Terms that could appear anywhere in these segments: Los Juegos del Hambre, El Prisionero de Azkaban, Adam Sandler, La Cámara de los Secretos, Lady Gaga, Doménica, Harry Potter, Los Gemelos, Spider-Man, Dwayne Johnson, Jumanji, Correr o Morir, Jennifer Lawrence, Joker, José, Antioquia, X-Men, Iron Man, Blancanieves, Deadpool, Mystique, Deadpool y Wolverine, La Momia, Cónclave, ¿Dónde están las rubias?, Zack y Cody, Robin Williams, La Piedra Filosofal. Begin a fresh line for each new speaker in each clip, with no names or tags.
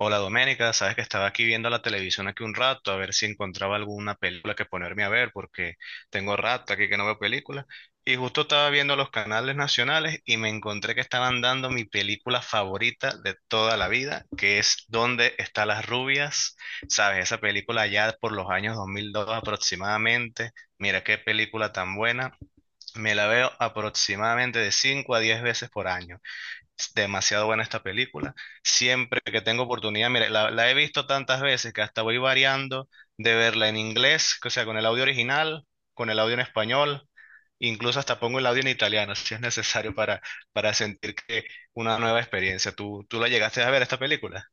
Hola Doménica, sabes que estaba aquí viendo la televisión aquí un rato a ver si encontraba alguna película que ponerme a ver porque tengo rato aquí que no veo películas y justo estaba viendo los canales nacionales y me encontré que estaban dando mi película favorita de toda la vida que es ¿Dónde están las rubias? Sabes, esa película ya por los años 2002 aproximadamente, mira qué película tan buena, me la veo aproximadamente de 5 a 10 veces por año. Es demasiado buena esta película. Siempre que tengo oportunidad, mire, la he visto tantas veces que hasta voy variando de verla en inglés, o sea, con el audio original, con el audio en español, incluso hasta pongo el audio en italiano, si es necesario para sentir que una nueva experiencia. ¿Tú la llegaste a ver esta película?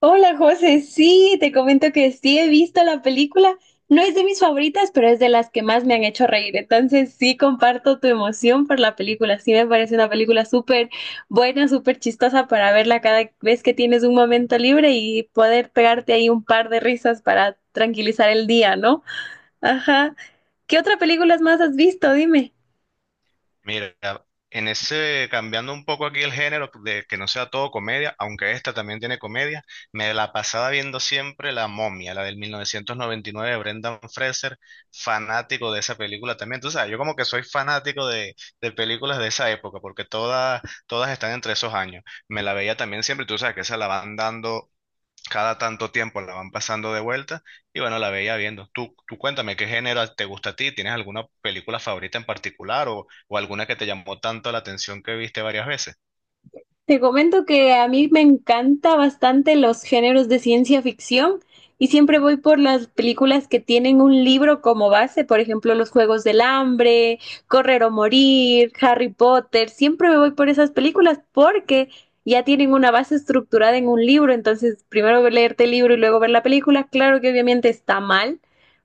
Hola José, sí, te comento que sí he visto la película. No es de mis favoritas, pero es de las que más me han hecho reír. Entonces sí comparto tu emoción por la película. Sí me parece una película súper buena, súper chistosa para verla cada vez que tienes un momento libre y poder pegarte ahí un par de risas para tranquilizar el día, ¿no? Ajá. ¿Qué otra película más has visto? Dime.
Mira, en ese, cambiando un poco aquí el género, de que no sea todo comedia, aunque esta también tiene comedia, me la pasaba viendo siempre La Momia, la del 1999 de Brendan Fraser, fanático de esa película también. Tú sabes, yo como que soy fanático de películas de esa época, porque todas están entre esos años. Me la veía también siempre, tú sabes que esa la van dando cada tanto tiempo la van pasando de vuelta y bueno, la veía viendo. Tú cuéntame, ¿qué género te gusta a ti? ¿Tienes alguna película favorita en particular o alguna que te llamó tanto la atención que viste varias veces?
Te comento que a mí me encanta bastante los géneros de ciencia ficción y siempre voy por las películas que tienen un libro como base, por ejemplo, Los Juegos del Hambre, Correr o Morir, Harry Potter, siempre me voy por esas películas porque ya tienen una base estructurada en un libro, entonces primero leerte el libro y luego ver la película, claro que obviamente está mal,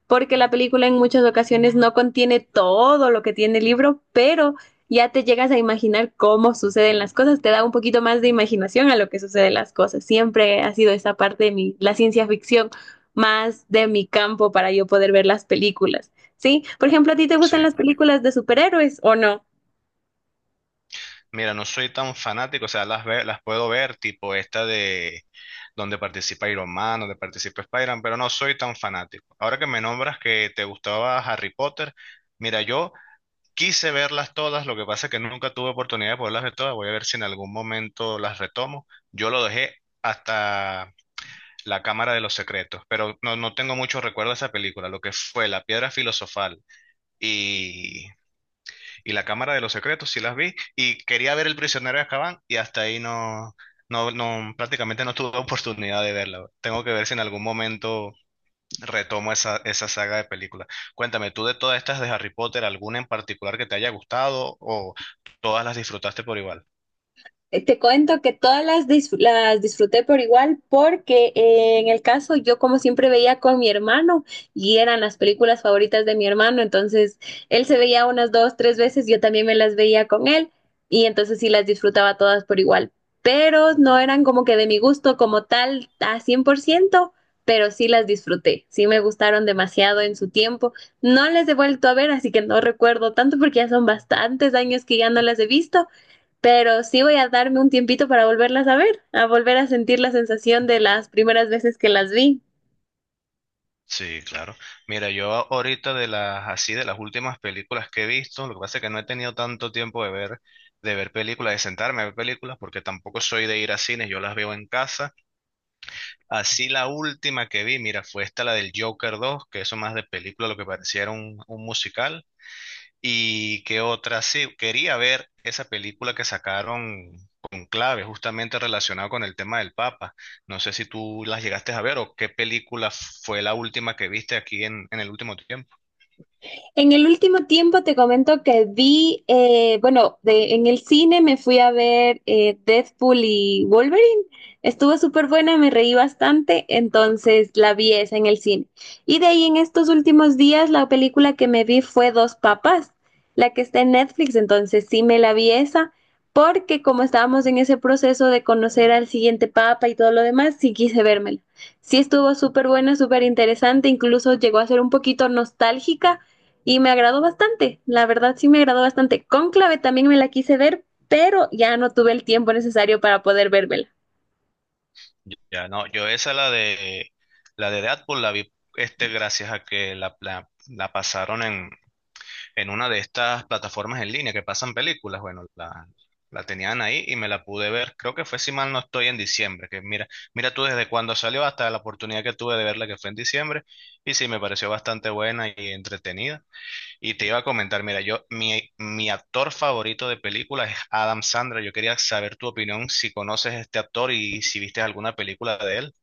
porque la película en muchas ocasiones no contiene todo lo que tiene el libro, pero ya te llegas a imaginar cómo suceden las cosas, te da un poquito más de imaginación a lo que suceden las cosas. Siempre ha sido esa parte de mi, la ciencia ficción más de mi campo para yo poder ver las películas, ¿sí? Por ejemplo, ¿a ti te
Sí.
gustan las películas de superhéroes o no?
Mira, no soy tan fanático, o sea, las puedo ver, tipo esta de donde participa Iron Man, donde participa Spider-Man, pero no soy tan fanático. Ahora que me nombras que te gustaba Harry Potter, mira, yo... Quise verlas todas, lo que pasa es que nunca tuve oportunidad de poderlas ver todas. Voy a ver si en algún momento las retomo. Yo lo dejé hasta La Cámara de los Secretos, pero no tengo mucho recuerdo de esa película. Lo que fue La Piedra Filosofal y, y La Cámara de los Secretos, sí las vi. Y quería ver El Prisionero de Azkaban y hasta ahí no, prácticamente no tuve oportunidad de verla. Tengo que ver si en algún momento retomo esa saga de películas. Cuéntame, ¿tú de todas estas de Harry Potter, alguna en particular que te haya gustado o todas las disfrutaste por igual?
Te cuento que todas las disfruté por igual porque en el caso yo como siempre veía con mi hermano y eran las películas favoritas de mi hermano, entonces él se veía unas dos, tres veces, yo también me las veía con él y entonces sí las disfrutaba todas por igual, pero no eran como que de mi gusto como tal a 100%, pero sí las disfruté, sí me gustaron demasiado en su tiempo, no las he vuelto a ver, así que no recuerdo tanto porque ya son bastantes años que ya no las he visto, pero sí voy a darme un tiempito para volverlas a ver, a volver a sentir la sensación de las primeras veces que las vi.
Sí, claro. Mira, yo ahorita de las así de las últimas películas que he visto, lo que pasa es que no he tenido tanto tiempo de ver películas, de sentarme a ver películas, porque tampoco soy de ir a cines, yo las veo en casa. Así la última que vi, mira, fue esta la del Joker 2 que eso más de película lo que pareciera un musical. Y qué otra, sí, quería ver esa película que sacaron con clave, justamente relacionado con el tema del Papa. No sé si tú las llegaste a ver o qué película fue la última que viste aquí en el último tiempo.
En el último tiempo te comento que vi, bueno, en el cine me fui a ver, Deadpool y Wolverine. Estuvo súper buena, me reí bastante, entonces la vi esa en el cine. Y de ahí en estos últimos días la película que me vi fue Dos Papas, la que está en Netflix, entonces sí me la vi esa, porque como estábamos en ese proceso de conocer al siguiente papa y todo lo demás, sí quise vérmela. Sí estuvo súper buena, súper interesante, incluso llegó a ser un poquito nostálgica y me agradó bastante, la verdad sí me agradó bastante. Cónclave también me la quise ver, pero ya no tuve el tiempo necesario para poder vérmela.
Ya no, yo esa la de Deadpool la vi este gracias a que la pasaron en una de estas plataformas en línea que pasan películas. Bueno, la tenían ahí y me la pude ver. Creo que fue, si mal no estoy, en diciembre. Que mira, mira tú desde cuando salió hasta la oportunidad que tuve de verla, que fue en diciembre. Y sí, me pareció bastante buena y entretenida. Y te iba a comentar, mira, yo, mi actor favorito de películas es Adam Sandler. Yo quería saber tu opinión, si conoces a este actor y si viste alguna película de él.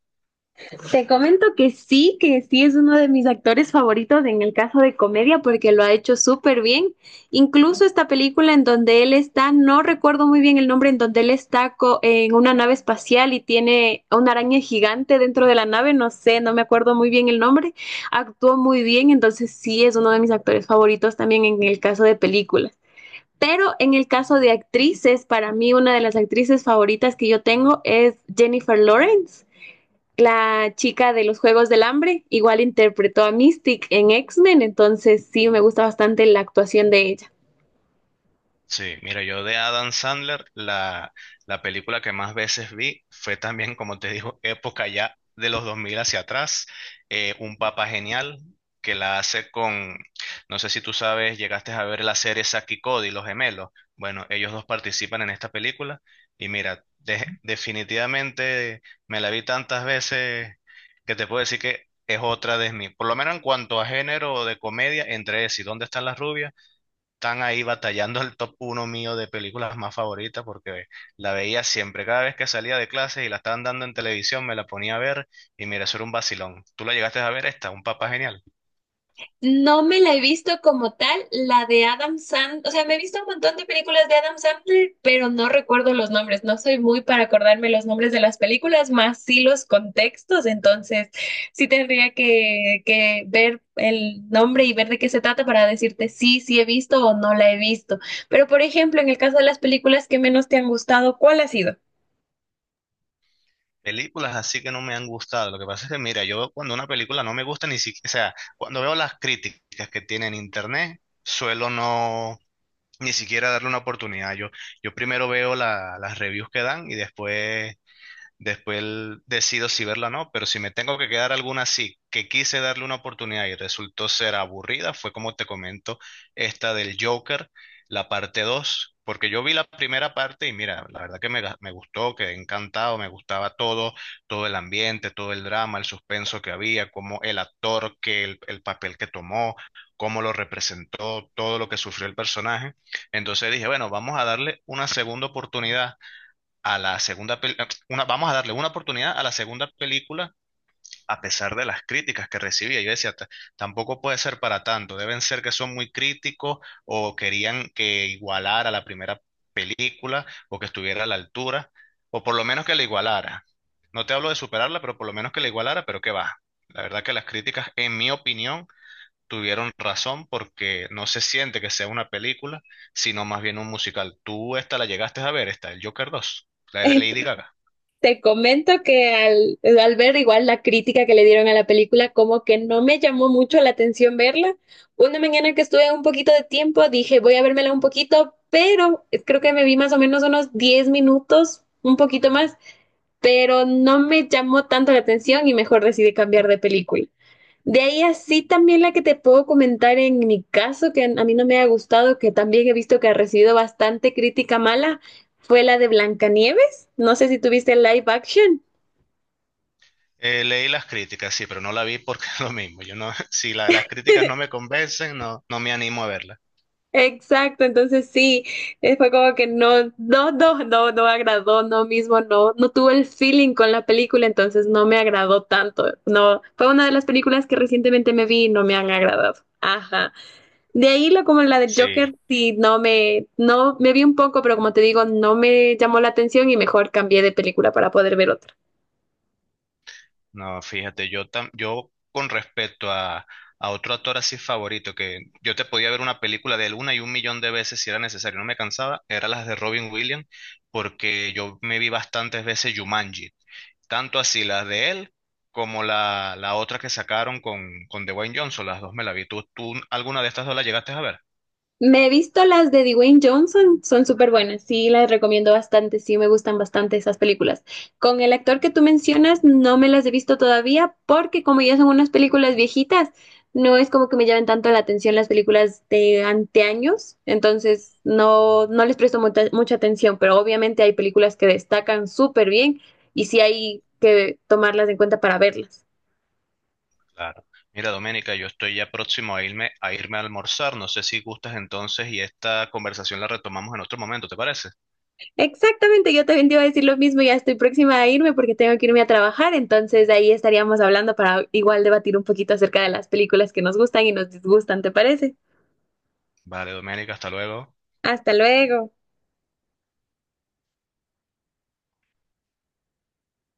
Te comento que sí es uno de mis actores favoritos en el caso de comedia porque lo ha hecho súper bien. Incluso esta película en donde él está, no recuerdo muy bien el nombre, en donde él está en una nave espacial y tiene una araña gigante dentro de la nave, no sé, no me acuerdo muy bien el nombre, actuó muy bien, entonces sí es uno de mis actores favoritos también en el caso de películas. Pero en el caso de actrices, para mí una de las actrices favoritas que yo tengo es Jennifer Lawrence, la chica de los Juegos del Hambre. Igual interpretó a Mystique en X-Men, entonces sí me gusta bastante la actuación de ella.
Sí, mira, yo de Adam Sandler, la película que más veces vi fue también, como te digo, época ya de los 2000 hacia atrás, Un Papá Genial, que la hace con, no sé si tú sabes, llegaste a ver la serie Zack y Cody, Los Gemelos. Bueno, ellos dos participan en esta película y mira, definitivamente me la vi tantas veces que te puedo decir que es otra de mis, por lo menos en cuanto a género de comedia, entre ese y ¿Dónde están las rubias? Están ahí batallando el top uno mío de películas más favoritas porque la veía siempre. Cada vez que salía de clase y la estaban dando en televisión, me la ponía a ver y mira, eso era un vacilón. ¿Tú la llegaste a ver esta? Un papá genial.
No me la he visto como tal, la de Adam Sandler, o sea, me he visto un montón de películas de Adam Sandler, pero no recuerdo los nombres, no soy muy para acordarme los nombres de las películas, más sí los contextos, entonces sí tendría que ver el nombre y ver de qué se trata para decirte sí, sí he visto o no la he visto. Pero, por ejemplo, en el caso de las películas que menos te han gustado, ¿cuál ha sido?
Películas así que no me han gustado. Lo que pasa es que, mira, yo cuando una película no me gusta ni siquiera, o sea, cuando veo las críticas que tiene en internet, suelo ni siquiera darle una oportunidad. Yo primero veo las reviews que dan y después después decido si verla o no, pero si me tengo que quedar alguna así, que quise darle una oportunidad y resultó ser aburrida, fue como te comento, esta del Joker, la parte 2 porque yo vi la primera parte y mira, la verdad que me, me gustó, quedé encantado, me gustaba todo, todo el ambiente, todo el drama, el suspenso que había, como el actor, que el papel que tomó, cómo lo representó, todo lo que sufrió el personaje. Entonces dije, bueno, vamos a darle una segunda oportunidad a la segunda vamos a darle una oportunidad a la segunda película a pesar de las críticas que recibía. Yo decía, tampoco puede ser para tanto, deben ser que son muy críticos o querían que igualara la primera película o que estuviera a la altura o por lo menos que la igualara. No te hablo de superarla, pero por lo menos que la igualara, pero qué va. La verdad que las críticas, en mi opinión, tuvieron razón porque no se siente que sea una película, sino más bien un musical. ¿Tú esta la llegaste a ver, esta, el Joker 2 la de Lady Gaga?
Te comento que al ver igual la crítica que le dieron a la película, como que no me llamó mucho la atención verla. Una mañana que estuve un poquito de tiempo, dije, voy a vérmela un poquito, pero creo que me vi más o menos unos 10 minutos, un poquito más, pero no me llamó tanto la atención y mejor decidí cambiar de película. De ahí así también la que te puedo comentar en mi caso, que a mí no me ha gustado, que también he visto que ha recibido bastante crítica mala, fue la de Blancanieves. No sé si tuviste el live action.
Leí las críticas, sí, pero no la vi porque es lo mismo. Yo no, si las críticas no me convencen, no me animo a verla.
Exacto, entonces sí, fue como que no, no, no, no, no agradó, no mismo, no, no tuvo el feeling con la película, entonces no me agradó tanto. No, fue una de las películas que recientemente me vi y no me han agradado. Ajá. De ahí la como la del
Sí,
Joker, sí, no me vi un poco, pero como te digo, no me llamó la atención y mejor cambié de película para poder ver otra.
no, fíjate, yo, yo con respecto a otro actor así favorito, que yo te podía ver una película de él una y un millón de veces si era necesario, no me cansaba, eran las de Robin Williams, porque yo me vi bastantes veces Jumanji, tanto así las de él como la otra que sacaron con Dwayne Johnson, las dos me la vi. ¿Tú alguna de estas dos la llegaste a ver?
Me he visto las de Dwayne Johnson, son súper buenas, sí, las recomiendo bastante, sí, me gustan bastante esas películas. Con el actor que tú mencionas, no me las he visto todavía porque como ya son unas películas viejitas, no es como que me llamen tanto la atención las películas de anteaños, entonces no, no les presto mucha, mucha atención, pero obviamente hay películas que destacan súper bien y sí hay que tomarlas en cuenta para verlas.
Claro. Mira, Doménica, yo estoy ya próximo a irme, a irme a almorzar, no sé si gustas entonces y esta conversación la retomamos en otro momento, ¿te parece?
Exactamente, yo también te iba a decir lo mismo, ya estoy próxima a irme porque tengo que irme a trabajar, entonces ahí estaríamos hablando para igual debatir un poquito acerca de las películas que nos gustan y nos disgustan, ¿te parece?
Vale, Doménica, hasta luego.
Hasta luego.